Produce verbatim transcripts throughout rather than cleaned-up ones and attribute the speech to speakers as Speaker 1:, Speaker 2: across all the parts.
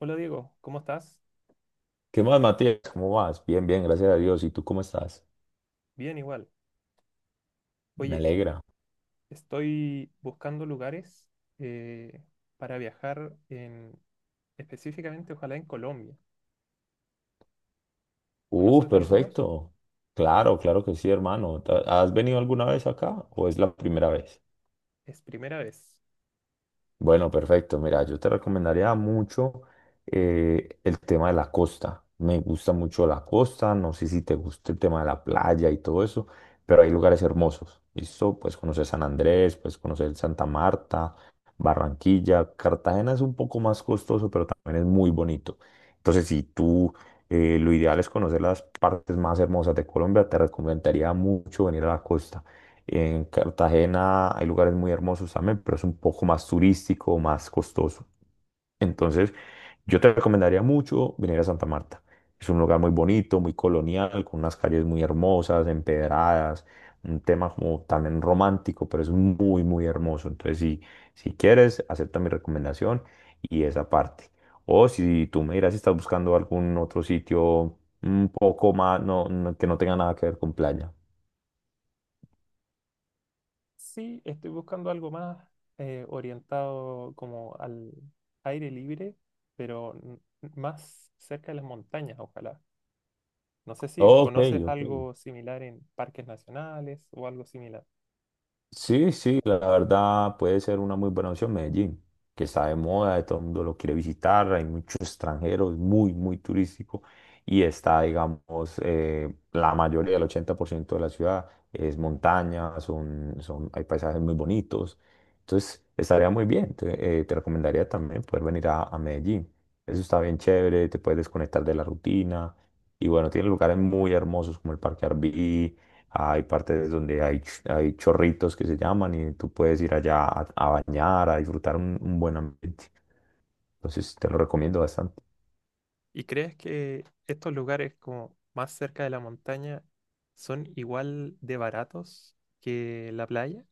Speaker 1: Hola Diego, ¿cómo estás?
Speaker 2: ¿Qué más, Matías? ¿Cómo vas? Bien, bien, gracias a Dios. ¿Y tú cómo estás?
Speaker 1: Bien igual.
Speaker 2: Me
Speaker 1: Oye,
Speaker 2: alegra.
Speaker 1: estoy buscando lugares eh, para viajar en, específicamente, ojalá en Colombia.
Speaker 2: Uh,
Speaker 1: ¿Conoces algunos?
Speaker 2: perfecto. Claro, claro que sí, hermano. Ta- ¿Has venido alguna vez acá o es la primera vez?
Speaker 1: Es primera vez.
Speaker 2: Bueno, perfecto. Mira, yo te recomendaría mucho eh, el tema de la costa. Me gusta mucho la costa, no sé si te gusta el tema de la playa y todo eso, pero hay lugares hermosos. ¿Listo? Pues conocer San Andrés, pues conocer Santa Marta, Barranquilla. Cartagena es un poco más costoso, pero también es muy bonito. Entonces, si tú eh, lo ideal es conocer las partes más hermosas de Colombia, te recomendaría mucho venir a la costa. En Cartagena hay lugares muy hermosos también, pero es un poco más turístico, más costoso. Entonces, yo te recomendaría mucho venir a Santa Marta. Es un lugar muy bonito, muy colonial, con unas calles muy hermosas, empedradas, un tema como también romántico, pero es muy, muy hermoso. Entonces, si, si quieres, acepta mi recomendación y esa parte. O si tú me dirás si estás buscando algún otro sitio un poco más, no, no- que no tenga nada que ver con playa.
Speaker 1: Sí, estoy buscando algo más eh, orientado como al aire libre, pero n- más cerca de las montañas, ojalá. No sé si
Speaker 2: Ok,
Speaker 1: conoces
Speaker 2: ok.
Speaker 1: algo similar en parques nacionales o algo similar.
Speaker 2: Sí, sí, la verdad puede ser una muy buena opción Medellín, que está de moda, de todo el mundo lo quiere visitar, hay muchos extranjeros, muy, muy turístico y está, digamos, eh, la mayoría, el ochenta por ciento de la ciudad es montaña, son, son, hay paisajes muy bonitos, entonces estaría muy bien, te, eh, te recomendaría también poder venir a, a Medellín, eso está bien chévere, te puedes desconectar de la rutina y bueno, tiene lugares muy hermosos como el Parque Arví, hay, partes donde hay, ch- hay chorritos que se llaman y tú puedes ir allá a, a bañar, a disfrutar un, un buen ambiente. Entonces te lo recomiendo bastante.
Speaker 1: ¿Y crees que estos lugares como más cerca de la montaña son igual de baratos que la playa?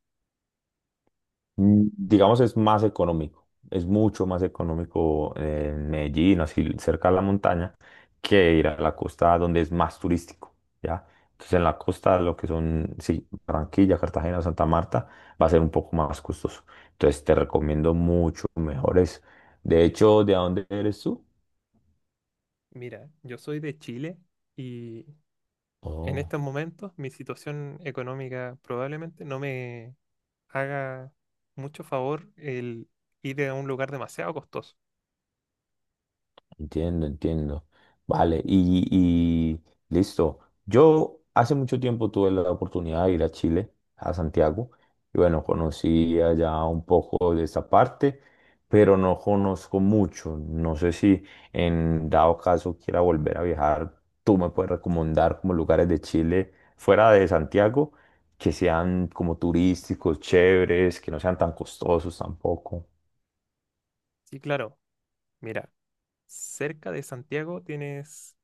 Speaker 2: Mm, Digamos es más económico, es mucho más económico en Medellín, así cerca de la montaña, que ir a la costa donde es más turístico, ¿ya? Entonces en la costa lo que son, sí, Barranquilla, Cartagena, Santa Marta, va a ser un poco más costoso. Entonces te recomiendo mucho mejores. De hecho, ¿de dónde eres tú?
Speaker 1: Mira, yo soy de Chile y en
Speaker 2: Oh.
Speaker 1: estos momentos mi situación económica probablemente no me haga mucho favor el ir a un lugar demasiado costoso.
Speaker 2: Entiendo, entiendo. Vale, y, y listo. Yo hace mucho tiempo tuve la oportunidad de ir a Chile, a Santiago, y bueno, conocí allá un poco de esa parte, pero no conozco mucho. No sé si en dado caso quiera volver a viajar, tú me puedes recomendar como lugares de Chile fuera de Santiago que sean como turísticos, chéveres, que no sean tan costosos tampoco.
Speaker 1: Sí, claro, mira, cerca de Santiago tienes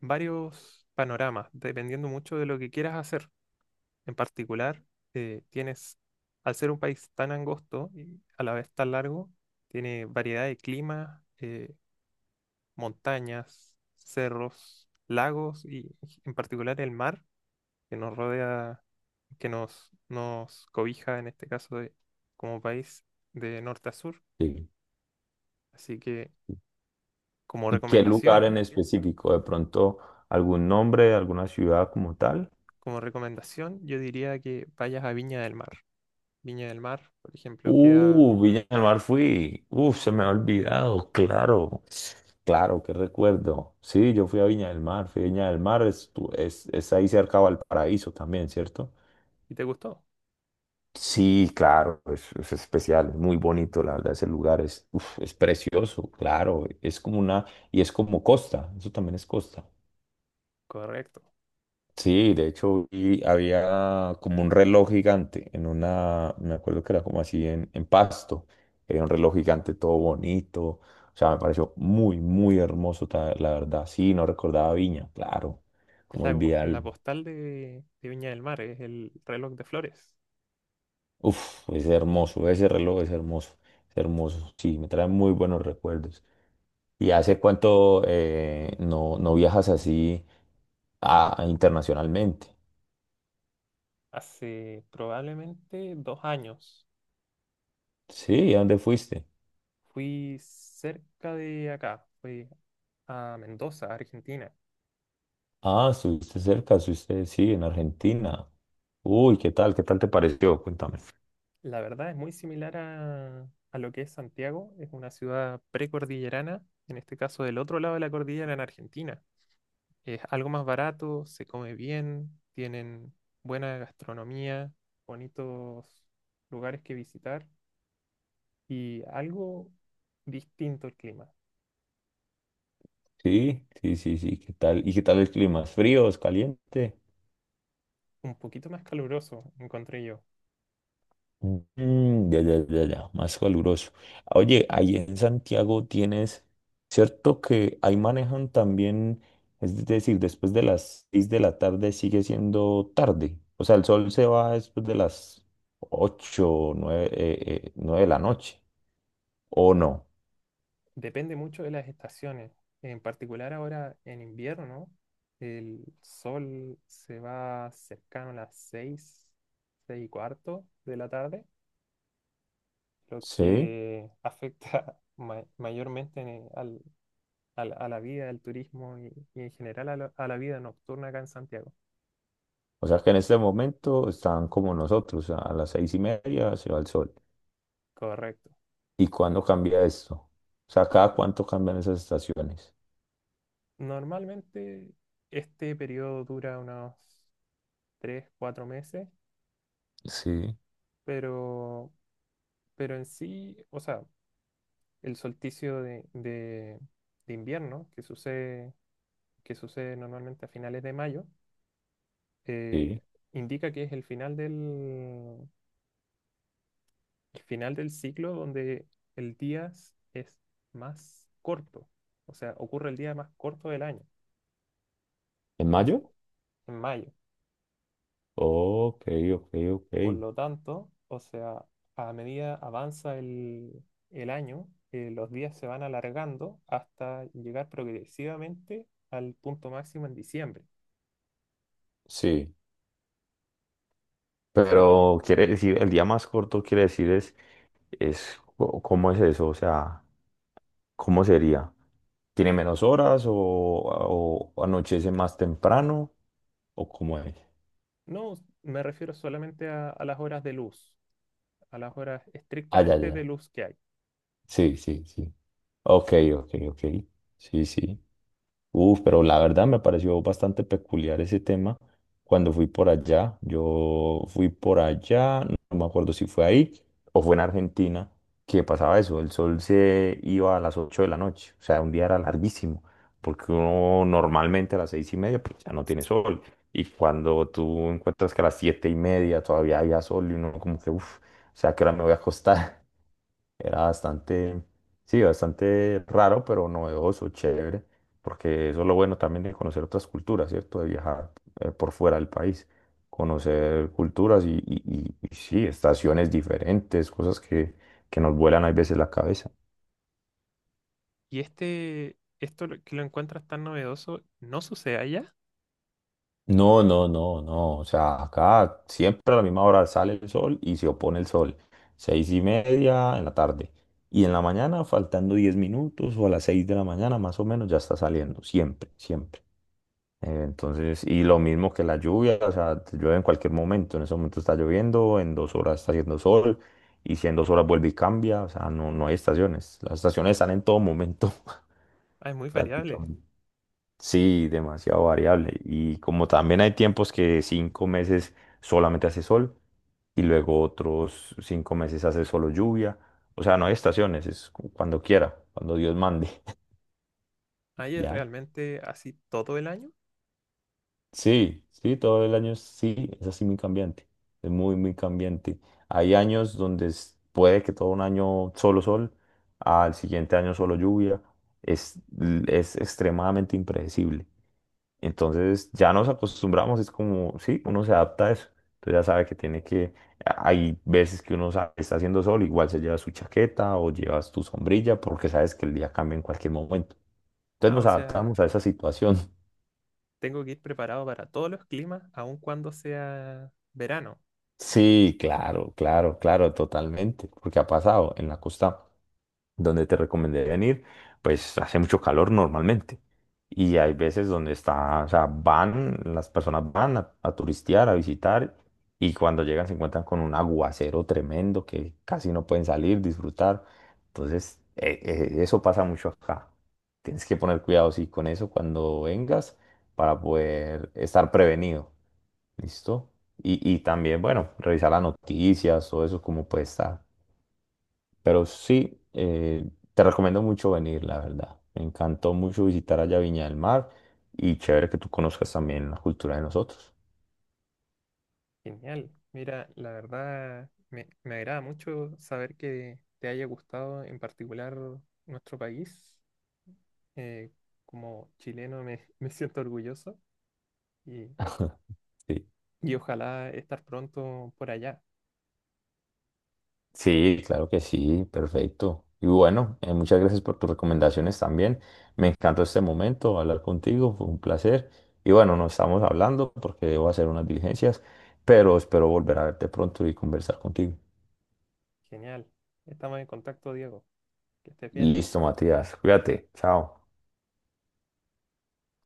Speaker 1: varios panoramas, dependiendo mucho de lo que quieras hacer. En particular, eh, tienes, al ser un país tan angosto y a la vez tan largo, tiene variedad de climas, eh, montañas, cerros, lagos y en particular el mar que nos rodea, que nos, nos cobija en este caso de- como país de norte a sur.
Speaker 2: Sí.
Speaker 1: Así que como
Speaker 2: ¿Y qué lugar en
Speaker 1: recomendación,
Speaker 2: específico? ¿De pronto algún nombre, alguna ciudad como tal?
Speaker 1: como recomendación, yo diría que vayas a Viña del Mar. Viña del Mar, por ejemplo, queda...
Speaker 2: Uh, Villa del Mar fui. Uh, se me ha olvidado, claro. Claro, qué recuerdo. Sí, yo fui a Viña del Mar. Fui a Viña del Mar, es, tu- es, es ahí cerca a Valparaíso también, ¿cierto?
Speaker 1: ¿Y te gustó?
Speaker 2: Sí, claro, es, es especial, es muy bonito, la verdad, ese lugar es, uf, es precioso, claro, es como una, y es como costa, eso también es costa.
Speaker 1: Correcto.
Speaker 2: Sí, de hecho vi- había como un reloj gigante en una, me acuerdo que era como así en, en pasto, era un reloj gigante todo bonito, o sea, me pareció muy, muy hermoso, ta- la verdad, sí, no recordaba Viña, claro,
Speaker 1: Es
Speaker 2: como el
Speaker 1: la, po-
Speaker 2: Vidal,
Speaker 1: la postal de, de Viña del Mar, es el reloj de flores.
Speaker 2: uff, es hermoso, ese reloj es hermoso, es hermoso, sí, me trae muy buenos recuerdos. ¿Y
Speaker 1: Ce-
Speaker 2: hace cuánto eh, no, no viajas así a- a internacionalmente?
Speaker 1: Hace probablemente dos años
Speaker 2: Sí, ¿a dónde fuiste?
Speaker 1: fui cerca de acá, fui a Mendoza, Argentina.
Speaker 2: Ah, estuviste cerca, estuviste, sí, en Argentina. Uy, ¿qué tal? ¿Qué tal te pareció? Cuéntame.
Speaker 1: La verdad es muy similar a, a lo que es Santiago, es una ciudad precordillerana, en este caso del otro lado de la cordillera en Argentina. Es algo más barato, se come bien, tienen buena gastronomía, bonitos lugares que visitar y algo distinto el clima,
Speaker 2: Sí, sí, sí, sí, ¿qué tal? ¿Y qué tal el clima? ¿Es frío? ¿Es caliente?
Speaker 1: un poquito más caluroso, encontré yo.
Speaker 2: Mm, ya, ya, ya, ya, más caluroso. Oye, ahí en Santiago tienes, ¿cierto que ahí manejan también, es decir, después de las seis de la tarde sigue siendo tarde? O sea, el sol se va después de las ocho, nueve, nueve de la noche, ¿o no?
Speaker 1: Depende mucho de las estaciones, en particular ahora en invierno, el sol se va cercano a las seis seis y cuarto de la tarde, lo
Speaker 2: Sí.
Speaker 1: que afecta ma- mayormente en- eh, al- al- a la vida, al turismo y, y en general a la a la vida nocturna acá en Santiago.
Speaker 2: O sea que en este momento están como nosotros, a a las seis y media se va el sol.
Speaker 1: Correcto.
Speaker 2: ¿Y cuándo cambia esto? O sea, ¿cada cuánto cambian esas estaciones?
Speaker 1: Normalmente este periodo dura unos tres, cuatro meses,
Speaker 2: Sí.
Speaker 1: pero, pero en sí, o sea, el solsticio de, de- de invierno que sucede, que sucede normalmente a finales de mayo, eh,
Speaker 2: Sí.
Speaker 1: indica que es el final del, el final del ciclo donde el día s- es más corto, o sea, ocurre el día más corto del año,
Speaker 2: ¿En
Speaker 1: así,
Speaker 2: mayo?
Speaker 1: en mayo.
Speaker 2: Ok, ok, ok.
Speaker 1: Por lo tanto, o sea, a medida avanza el, el año, eh, los días se van alargando hasta llegar progresivamente al punto máximo en diciembre.
Speaker 2: Sí.
Speaker 1: Así que
Speaker 2: Pero quiere decir, el día más corto quiere decir es, es co- ¿cómo es eso? O sea, ¿cómo sería? ¿Tiene menos horas o, o anochece más temprano? ¿O cómo es?
Speaker 1: no me refiero solamente a, a las horas de luz, a las horas
Speaker 2: Ah, ya, ya.
Speaker 1: estrictamente de
Speaker 2: ya.
Speaker 1: luz que hay.
Speaker 2: Sí, sí, sí. Ok, ok, ok. Sí, sí. Uf, pero la verdad me pareció bastante peculiar ese tema cuando fui por allá. Yo fui por allá, no me acuerdo si fue ahí o fue en Argentina, que pasaba eso, el sol se iba a las ocho de la noche, o sea, un día era larguísimo, porque uno normalmente a las seis y media pues ya no tiene sol, y cuando tú encuentras que a las siete y media todavía había sol y uno como que, uff, o sea, ¿a qué hora me voy a acostar? Era bastante, sí, bastante raro, pero novedoso, chévere, porque eso es lo bueno también de conocer otras culturas, ¿cierto? De viajar eh, por fuera del país, conocer culturas y, y- y- y sí, estaciones diferentes, cosas que, que nos vuelan a veces la cabeza.
Speaker 1: Y este, esto lo- que lo encuentras tan novedoso, ¿no sucede allá?
Speaker 2: No, no, no, no, o sea, acá siempre a la misma hora sale el sol y se opone el sol, seis y media en la tarde. Y en la mañana, faltando diez minutos o a las seis de la mañana, más o menos, ya está saliendo, siempre, siempre. Eh, Entonces, y lo mismo que la lluvia, o sea, te llueve en cualquier momento, en ese momento está lloviendo, en dos horas está haciendo sol, y si en dos horas vuelve y cambia, o sea, no, no hay estaciones, las estaciones están en todo momento
Speaker 1: Ah, es muy variable.
Speaker 2: prácticamente. Sí, demasiado variable. Y como también hay tiempos que cinco meses solamente hace sol y luego otros cinco meses hace solo lluvia, o sea, no hay estaciones, es cu- cuando quiera, cuando Dios mande,
Speaker 1: ¿Allá es
Speaker 2: ¿ya?
Speaker 1: realmente así todo el año?
Speaker 2: Sí, sí, todo el año sí, es así muy cambiante, es muy, muy cambiante. Hay años donde es- puede que todo un año solo sol, al siguiente año solo lluvia, es, es extremadamente impredecible. Entonces ya nos acostumbramos, es como, sí, uno se adapta a eso. Entonces ya sabe que tiene que, hay veces que uno sabe que está haciendo sol, igual se lleva su chaqueta o llevas tu sombrilla porque sabes que el día cambia en cualquier momento. Entonces
Speaker 1: Ah,
Speaker 2: nos
Speaker 1: o sea,
Speaker 2: adaptamos a esa situación.
Speaker 1: tengo que ir preparado para todos los climas, aun cuando sea verano.
Speaker 2: Sí, claro, claro, claro, totalmente, porque ha pasado en la costa donde te recomendé venir, pues hace mucho calor normalmente. Y hay veces donde está, o sea, van, las personas van a, a turistear, a visitar, y cuando llegan se encuentran con un aguacero tremendo que casi no pueden salir, disfrutar. Entonces, eh, eh, eso pasa mucho acá. Tienes que poner cuidado, sí, con eso cuando vengas para poder estar prevenido. Listo. Y, y también, bueno, revisar las noticias, todo eso, como puede estar. Pero sí, eh, te recomiendo mucho venir, la verdad. Me encantó mucho visitar allá Viña del Mar y chévere que tú conozcas también la cultura de nosotros.
Speaker 1: Genial. Mira, la verdad me, me agrada mucho saber que te haya gustado en particular nuestro país. Eh, como chileno me, me siento orgulloso y,
Speaker 2: Sí,
Speaker 1: y ojalá estar pronto por allá.
Speaker 2: sí, claro que sí, perfecto. Y bueno, eh, muchas gracias por tus recomendaciones también. Me encantó este momento hablar contigo, fue un placer. Y bueno, nos estamos hablando porque debo hacer unas diligencias, pero espero volver a verte pronto y conversar contigo.
Speaker 1: Genial. Estamos en contacto, Diego. Que estés bien.
Speaker 2: Listo, Matías. Cuídate. Chao.